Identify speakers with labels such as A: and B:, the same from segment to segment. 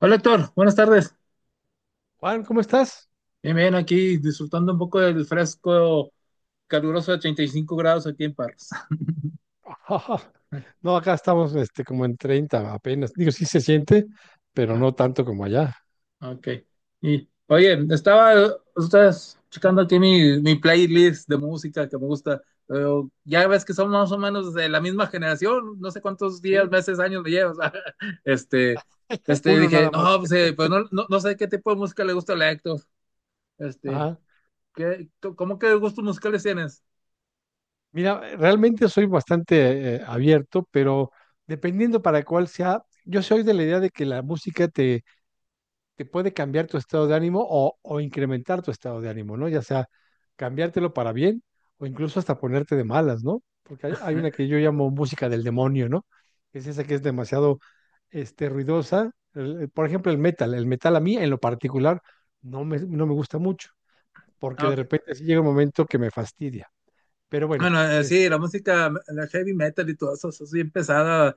A: Hola Héctor, buenas tardes.
B: Juan, ¿cómo estás?
A: Bien, bien, aquí disfrutando un poco del fresco caluroso de 35 grados aquí en Parras.
B: No, acá estamos como en 30 apenas. Digo, sí se siente, pero no tanto como allá.
A: Ah, ok. Y, oye, estaba ustedes checando aquí mi playlist de música que me gusta. Pero ya ves que somos más o menos de la misma generación, no sé cuántos días,
B: Sí,
A: meses, años me llevas. Este,
B: uno
A: dije,
B: nada más.
A: no, pues, pues no sé qué tipo de música le gusta a la Héctor. Este,
B: Ajá.
A: ¿qué, ¿cómo qué gustos musicales tienes?
B: Mira, realmente soy bastante abierto, pero dependiendo para cuál sea, yo soy de la idea de que la música te puede cambiar tu estado de ánimo o incrementar tu estado de ánimo, ¿no? Ya sea cambiártelo para bien o incluso hasta ponerte de malas, ¿no? Porque hay una que yo llamo música del demonio, ¿no? Es esa que es demasiado ruidosa. Por ejemplo, el metal. El metal a mí, en lo particular, no me gusta mucho, porque
A: Ah,
B: de
A: ok.
B: repente sí llega un momento que me fastidia. Pero bueno,
A: Bueno, sí, la
B: este,
A: música, la heavy metal y todo eso, eso es bien pesada.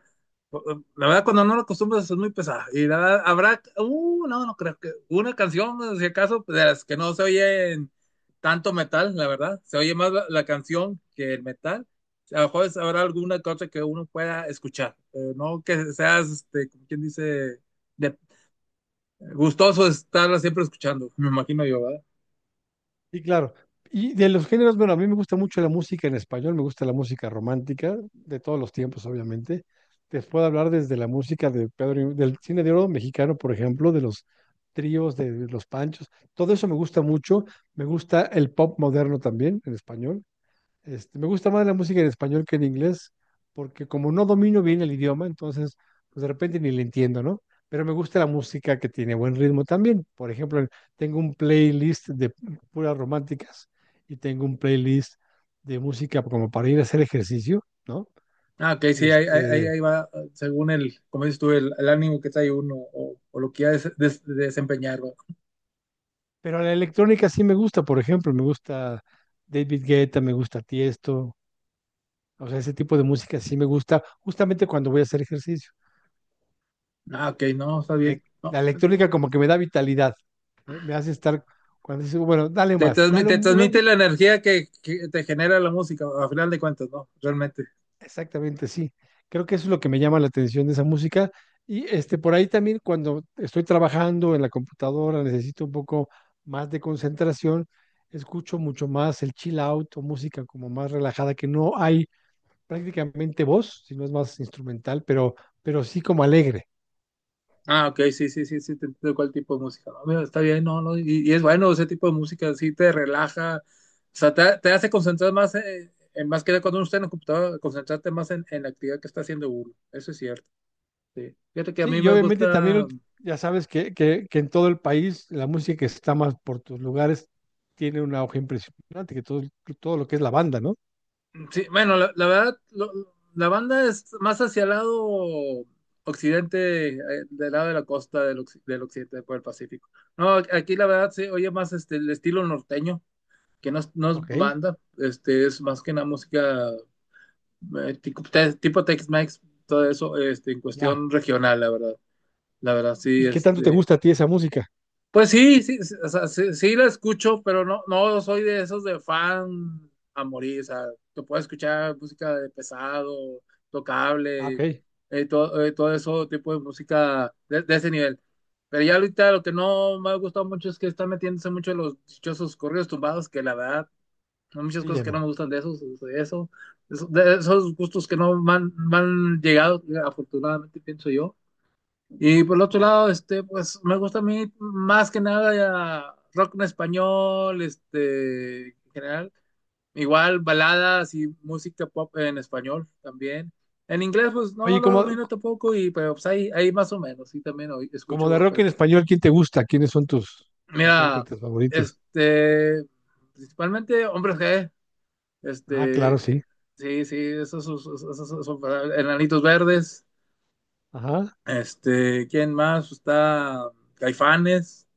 A: La verdad, cuando no lo acostumbras es muy pesada. Y la verdad, habrá, no, no creo que una canción, pues, si acaso, pues, de las que no se oye en tanto metal, la verdad. Se oye más la canción que el metal. A lo mejor habrá alguna cosa que uno pueda escuchar, pero no que seas, este, como quien dice, de- gustoso estarla siempre escuchando, me imagino yo.
B: sí, claro. Y de los géneros, bueno, a mí me gusta mucho la música en español, me gusta la música romántica, de todos los tiempos, obviamente. Te puedo hablar desde la música de Pedro, del cine de oro mexicano, por ejemplo, de los tríos, de los panchos. Todo eso me gusta mucho. Me gusta el pop moderno también, en español. Este, me gusta más la música en español que en inglés, porque como no domino bien el idioma, entonces, pues de repente ni le entiendo, ¿no? Pero me gusta la música que tiene buen ritmo también. Por ejemplo, tengo un playlist de puras románticas y tengo un playlist de música como para ir a hacer ejercicio, ¿no?
A: Ah, ok, sí, ahí, ahí, ahí
B: Este,
A: ahí va, según el, como dices tú, el ánimo que trae uno o lo que ya desempeñar, ¿verdad?
B: pero la electrónica sí me gusta, por ejemplo, me gusta David Guetta, me gusta Tiesto, o sea, ese tipo de música sí me gusta justamente cuando voy a hacer ejercicio.
A: Ah, ok, no, está bien.
B: La
A: No,
B: electrónica como que me da vitalidad, ¿eh? Me hace estar, cuando dice, bueno, dale más, dale
A: te transmite
B: un-".
A: la energía que te genera la música, a final de cuentas, ¿no? Realmente.
B: Exactamente, sí. Creo que eso es lo que me llama la atención de esa música. Y este, por ahí también cuando estoy trabajando en la computadora, necesito un poco más de concentración, escucho mucho más el chill out o música como más relajada, que no hay prácticamente voz, sino es más instrumental, pero sí como alegre.
A: Ah, ok, sí, te entiendo cuál tipo de música. No, mira, está bien, no, no, y es bueno ese tipo de música, sí te relaja, o sea, te hace concentrar más, en, más que nada cuando uno está en la computadora, concentrarte más en la actividad que está haciendo uno. Eso es cierto, sí. Fíjate que a
B: Sí,
A: mí
B: y
A: me
B: obviamente también
A: gusta.
B: ulti- ya sabes que en todo el país la música que está más por tus lugares tiene una hoja impresionante, que todo lo que es la banda, ¿no?
A: Sí, bueno, la verdad, la banda es más hacia el lado occidente, del lado de la costa del, del occidente por el Pacífico. No, aquí la verdad se oye más este, el estilo norteño, que no es, no es
B: Ok,
A: banda, este, es más que una música tipo, tipo Tex-Mex, todo eso, este, en
B: ya.
A: cuestión regional, la verdad. La verdad, sí,
B: ¿Y qué tanto te
A: este,
B: gusta a ti esa música?
A: pues sí, sí, sí, o sea, sí, sí la escucho, pero no, no soy de esos de fan a morir. O sea, te puedo escuchar música de pesado,
B: Ah, ok,
A: tocable, todo eso tipo de música de ese nivel. Pero ya ahorita lo que no me ha gustado mucho es que están metiéndose mucho en los dichosos corridos tumbados, que la verdad, hay muchas
B: sí,
A: cosas
B: ya
A: que no
B: no.
A: me gustan de esos, de eso, de esos gustos que no me han me han llegado, afortunadamente pienso yo. Y por el otro lado, este, pues me gusta a mí más que nada ya rock en español, este, en general, igual baladas y música pop en español también. En inglés, pues no
B: Oye,
A: lo domino tampoco, y pero pues ahí, ahí más o menos, sí también hoy
B: como de
A: escucho
B: rock en
A: frecuente.
B: español, ¿quién te gusta? ¿Quiénes son tus
A: Mira,
B: intérpretes favoritos?
A: este, principalmente Hombres G,
B: Ah, claro,
A: este,
B: sí.
A: sí, sí, esos son Enanitos Verdes,
B: Ajá,
A: este, ¿quién más? Está Caifanes.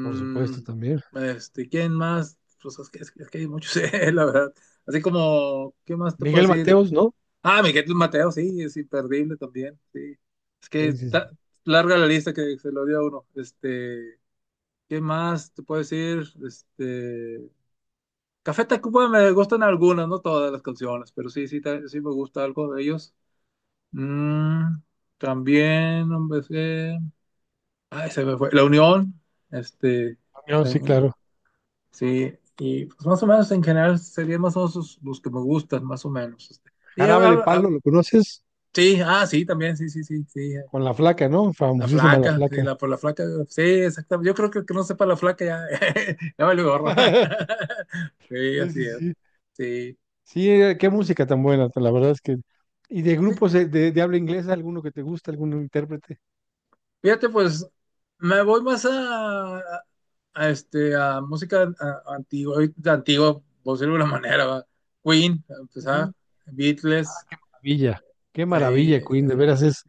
B: por supuesto también.
A: este, ¿quién más? Pues es que hay muchos, la verdad. Así como, ¿qué más te puedo
B: Miguel
A: decir?
B: Mateos, ¿no?
A: Ah, Miguel Mateo, sí, es imperdible también, sí. Es que
B: Sí, sí, sí.
A: larga la lista que se lo dio a uno. Este, ¿qué más te puedo decir? Este, Café Tacuba me gustan algunas, no todas las canciones, pero sí, sí, sí me gusta algo de ellos. Mm, también, hombre, sí. Ay, se me fue. La Unión, este,
B: No, sí, claro.
A: sí y pues más o menos en general serían más o menos los que me gustan, más o menos, este. Y,
B: Jarabe de Palo, ¿lo conoces?
A: sí, ah, sí, también, sí, sí, sí, sí.
B: Con la flaca, ¿no?
A: La
B: Famosísima la
A: flaca, sí,
B: flaca.
A: la, por la flaca, sí, exactamente. Yo creo que el que no sepa la flaca ya, ya vale gorro. Sí,
B: Sí, sí,
A: así es.
B: sí.
A: Sí.
B: Sí, qué música tan buena, la verdad es que... ¿Y de
A: Sí,
B: grupos de habla inglesa, alguno que te gusta, algún intérprete?
A: fíjate, pues me voy más a este, a música antigua, ahorita antigua, por decirlo de alguna manera, ¿va? Queen, a
B: Ujú.
A: empezar, Beatles,
B: Maravilla, qué
A: eh, y,
B: maravilla,
A: eh,
B: Queen, de veras es...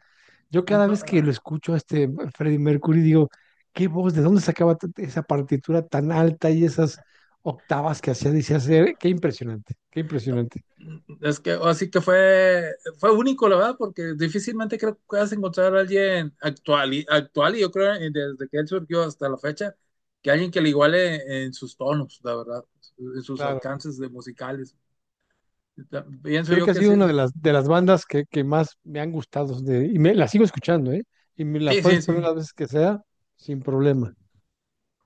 B: Yo cada vez
A: no.
B: que lo escucho a este Freddie Mercury digo, qué voz, ¿de dónde sacaba t- esa partitura tan alta y esas octavas que hacía? Dice hacer, qué impresionante, qué
A: No,
B: impresionante.
A: mm, es que así que fue, fue único, la verdad, porque difícilmente creo que puedas encontrar a alguien actual y, actual, y yo creo desde que él surgió hasta la fecha, que alguien que le iguale en sus tonos, la verdad, en sus
B: Claro.
A: alcances de musicales. Ya, pienso
B: Creo
A: yo
B: que ha
A: que
B: sido
A: sí,
B: una de de las bandas que más me han gustado de- y me, la sigo escuchando, ¿eh? Y me la
A: sí,
B: puedes
A: sí,
B: poner
A: sí,
B: las veces que sea sin problema.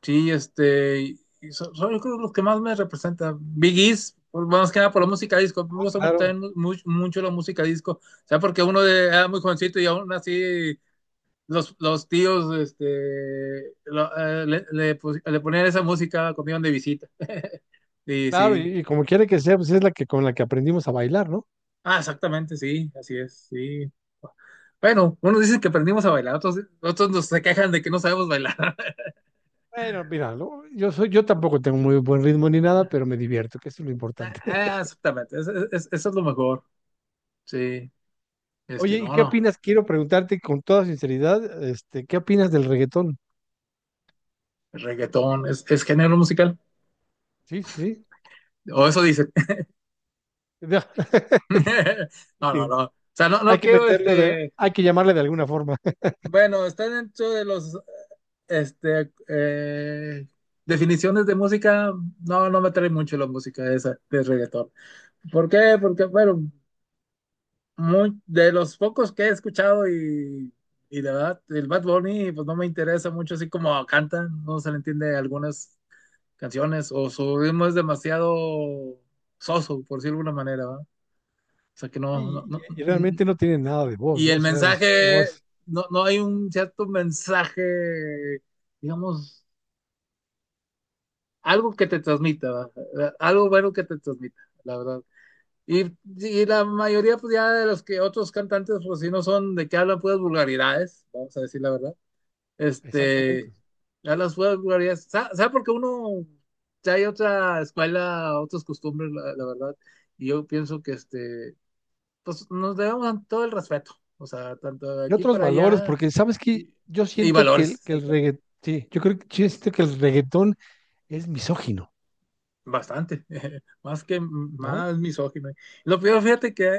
A: sí, este, y son, son, yo creo los que más me representan Biggies, más que nada por la música disco, me gusta mucho,
B: Claro.
A: también mucho, mucho la música disco, o sea, porque uno era muy jovencito y aún así los tíos este, le ponían esa música cuando iban de visita. Y
B: Claro,
A: sí.
B: y como quiera que sea, pues es la que con la que aprendimos a bailar, ¿no?
A: Ah, exactamente, sí, así es, sí. Bueno, unos dicen que aprendimos a bailar, otros, otros nos se quejan de que no sabemos bailar.
B: Bueno, mira, lo- yo soy, yo tampoco tengo muy buen ritmo ni nada, pero me divierto, que eso es lo importante.
A: Ah, exactamente, eso es lo mejor. Sí, este,
B: Oye, ¿y
A: no,
B: qué
A: no,
B: opinas? Quiero preguntarte con toda sinceridad, este, ¿qué opinas del reggaetón?
A: el reggaetón es género musical,
B: Sí, sí, sí.
A: o eso dicen.
B: Ya.
A: No, no,
B: Sí,
A: no, o sea, no,
B: hay
A: no
B: que
A: quiero,
B: meterlo de,
A: este,
B: hay que llamarle de alguna forma.
A: bueno, está dentro de los este, definiciones de música, no, no me trae mucho la música esa de reggaetón. ¿Por qué? Porque, bueno, muy, de los pocos que he escuchado y de verdad, el Bad Bunny, pues no me interesa mucho, así como canta, no se le entiende algunas canciones, o su ritmo es demasiado soso, por decirlo de alguna manera, ¿va? O sea que no, no, no,
B: Y realmente no tiene nada de voz,
A: y
B: ¿no?
A: el
B: O sea, es nada
A: mensaje,
B: más,
A: no, no hay un cierto mensaje, digamos, algo que te transmita, ¿va? Algo bueno que te transmita, la verdad. Y, la mayoría, pues ya de los que otros cantantes, pues si no son de que hablan puras vulgaridades, vamos a decir la verdad.
B: exactamente.
A: Este, ya las puras vulgaridades, ¿sabes? ¿Sabe? Porque uno, ya hay otra escuela, otras costumbres, la verdad. Y yo pienso que, este, pues nos debemos todo el respeto, o sea, tanto de
B: Y
A: aquí
B: otros
A: para
B: valores,
A: allá
B: porque sabes que
A: y,
B: yo
A: y
B: siento que
A: valores,
B: que el
A: exactamente.
B: reggaetón, sí, yo creo que yo siento que el reggaetón es misógino,
A: Bastante, más que
B: ¿no?
A: más misógino. Lo peor, fíjate que,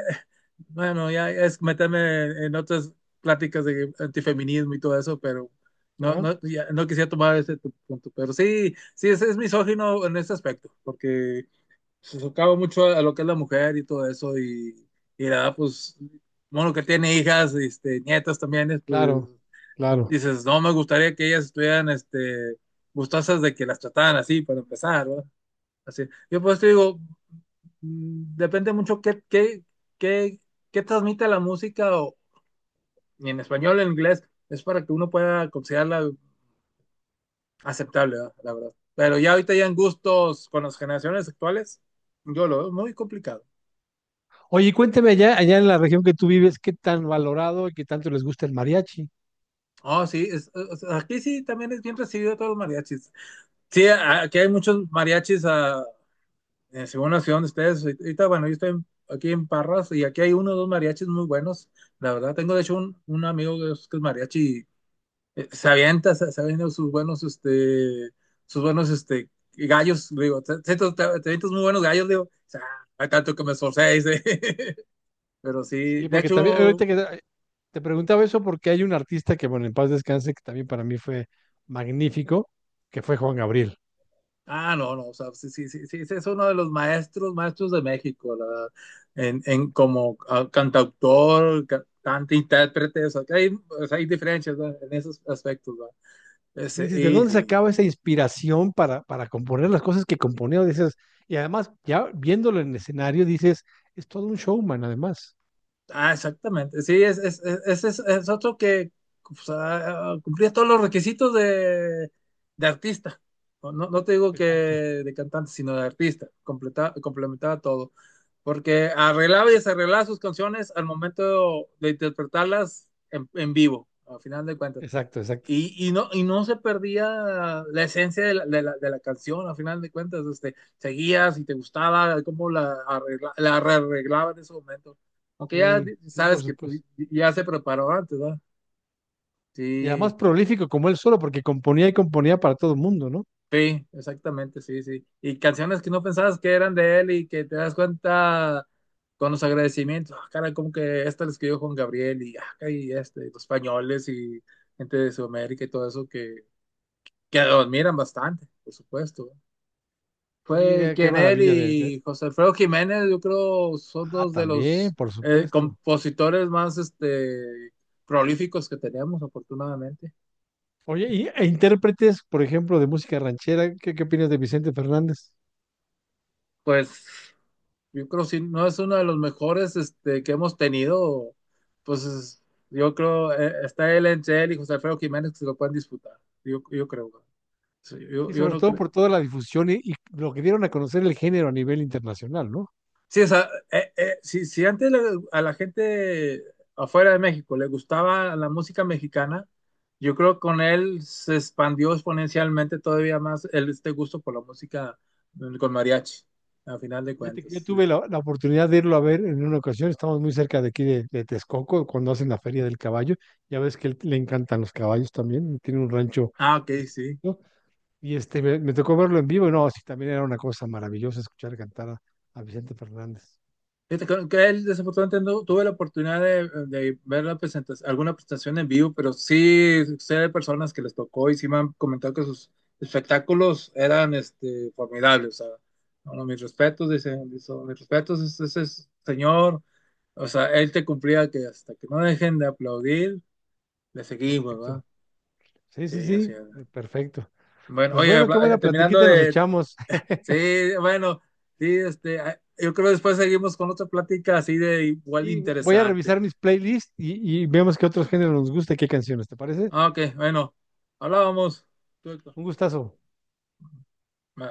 A: bueno, ya es meterme en otras pláticas de antifeminismo y todo eso, pero no,
B: Ah,
A: no, ya no quisiera tomar ese tu punto. Pero sí, sí, es misógino en ese aspecto, porque se socava mucho a lo que es la mujer y todo eso, y la verdad, pues, bueno, que tiene hijas, este, nietas también, es, pues,
B: claro, claro.
A: dices, no me gustaría que ellas estuvieran, este, gustosas de que las trataran así para empezar, ¿verdad? Así. Yo pues te digo, mm, depende mucho qué, qué, qué, qué transmite la música o y en español o en inglés. Es para que uno pueda considerarla aceptable, ¿verdad? La verdad. Pero ya ahorita ya en gustos con las generaciones actuales, yo lo veo muy complicado.
B: Oye, y cuénteme allá, allá en la región que tú vives, ¿qué tan valorado y qué tanto les gusta el mariachi?
A: Oh, sí, aquí sí también es bien recibido todos los mariachis. Sí, aquí hay muchos mariachis, ah, según la ciudad de ustedes. Ahorita, bueno, yo estoy aquí en Parras y aquí hay 1 o 2 mariachis muy buenos. La verdad, tengo de hecho un amigo que es mariachi se avienta, se avienta sus buenos, este, gallos, digo, te avientas muy buenos gallos, digo, o sea, hay tanto que me esforcé, dice. Pero sí,
B: Sí,
A: de
B: porque también,
A: hecho,
B: ahorita que te preguntaba eso porque hay un artista que, bueno, en paz descanse, que también para mí fue magnífico, que fue Juan Gabriel.
A: ah, no, no, o sea, sí, sí, sí, sí, ese es uno de los maestros, maestros de México, la verdad, en como ah, cantautor, cantante, intérprete, o sea, que hay, o sea, hay diferencias, ¿verdad? En esos aspectos, ¿verdad?
B: Sí,
A: Ese,
B: dices, ¿de
A: y
B: dónde
A: sí,
B: sacaba esa inspiración para componer las cosas que componía? Dices, y además, ya viéndolo en escenario, dices, es todo un showman, además.
A: ah, exactamente. Sí, es otro que pues, ah, cumplía todos los requisitos de artista. No, no te digo que
B: Exacto.
A: de cantante, sino de artista. Complementaba todo. Porque arreglaba y desarreglaba sus canciones al momento de interpretarlas en vivo, al final de cuentas.
B: Exacto, exacto.
A: Y no se perdía la esencia de la, de la, de la canción, a final de cuentas, este, seguías y te gustaba cómo la, arregla, la arreglaba en ese momento. Aunque ya
B: Sí, sí,
A: sabes
B: por
A: que pues,
B: supuesto.
A: ya se preparó antes, ¿verdad?
B: Y además
A: Sí,
B: prolífico como él solo, porque componía y componía para todo el mundo, ¿no?
A: sí, exactamente, sí, sí. Y canciones que no pensabas que eran de él y que te das cuenta con los agradecimientos, ah, cara, como que esta la escribió Juan Gabriel y, ah, y este, los españoles y gente de Sudamérica y todo eso que lo admiran bastante, por supuesto. ¿No?
B: Y
A: Fue
B: qué
A: quien él
B: maravilla
A: y José Alfredo Jiménez, yo creo, son
B: ah,
A: dos de
B: también,
A: los
B: por supuesto.
A: compositores más este, prolíficos que teníamos afortunadamente.
B: Oye, intérpretes, por ejemplo, de música ranchera, ¿qué opinas de Vicente Fernández?
A: Pues yo creo si no es uno de los mejores este, que hemos tenido, pues yo creo, está él entre él y José Alfredo Jiménez que se lo pueden disputar. Yo creo. Sí, yo,
B: Sí,
A: yo
B: sobre
A: no
B: todo
A: creo.
B: por toda la difusión y lo que dieron a conocer el género a nivel internacional, ¿no?
A: Sí, o sea, si, si antes a la gente afuera de México le gustaba la música mexicana, yo creo que con él se expandió exponencialmente todavía más el, este gusto por la música mm, con mariachi, a final de
B: Fíjate que yo
A: cuentas. Sí.
B: tuve la oportunidad de irlo a ver en una ocasión, estamos muy cerca de aquí de Texcoco, cuando hacen la Feria del Caballo, ya ves que él- le encantan los caballos también, tiene un rancho.
A: Ah, ok, sí.
B: Y este, me tocó verlo en vivo, y no, sí, también era una cosa maravillosa escuchar cantar a Vicente Fernández.
A: Fíjate que él, desafortunadamente no tuve la oportunidad de ver la presentación, alguna presentación en vivo, pero sí sé de personas que les tocó y sí me han comentado que sus espectáculos eran este, formidables. O sea, bueno, mis respetos, dicen, dicen, mis respetos, ese, señor, o sea, él te cumplía que hasta que no dejen de aplaudir, le seguimos,
B: Exacto.
A: ¿verdad?
B: Sí, sí,
A: Sí, así
B: sí,
A: es.
B: perfecto.
A: Bueno,
B: Pues
A: oye,
B: bueno, qué buena
A: terminando
B: platiquita nos
A: de,
B: echamos.
A: sí, bueno, sí, este, ah, yo creo que después seguimos con otra plática así de igual de
B: Y voy a
A: interesante.
B: revisar mis playlists y vemos qué otros géneros nos gusta y qué canciones, ¿te parece?
A: Ah, ok, bueno, hablábamos. Tú, Héctor.
B: Un gustazo.
A: Va.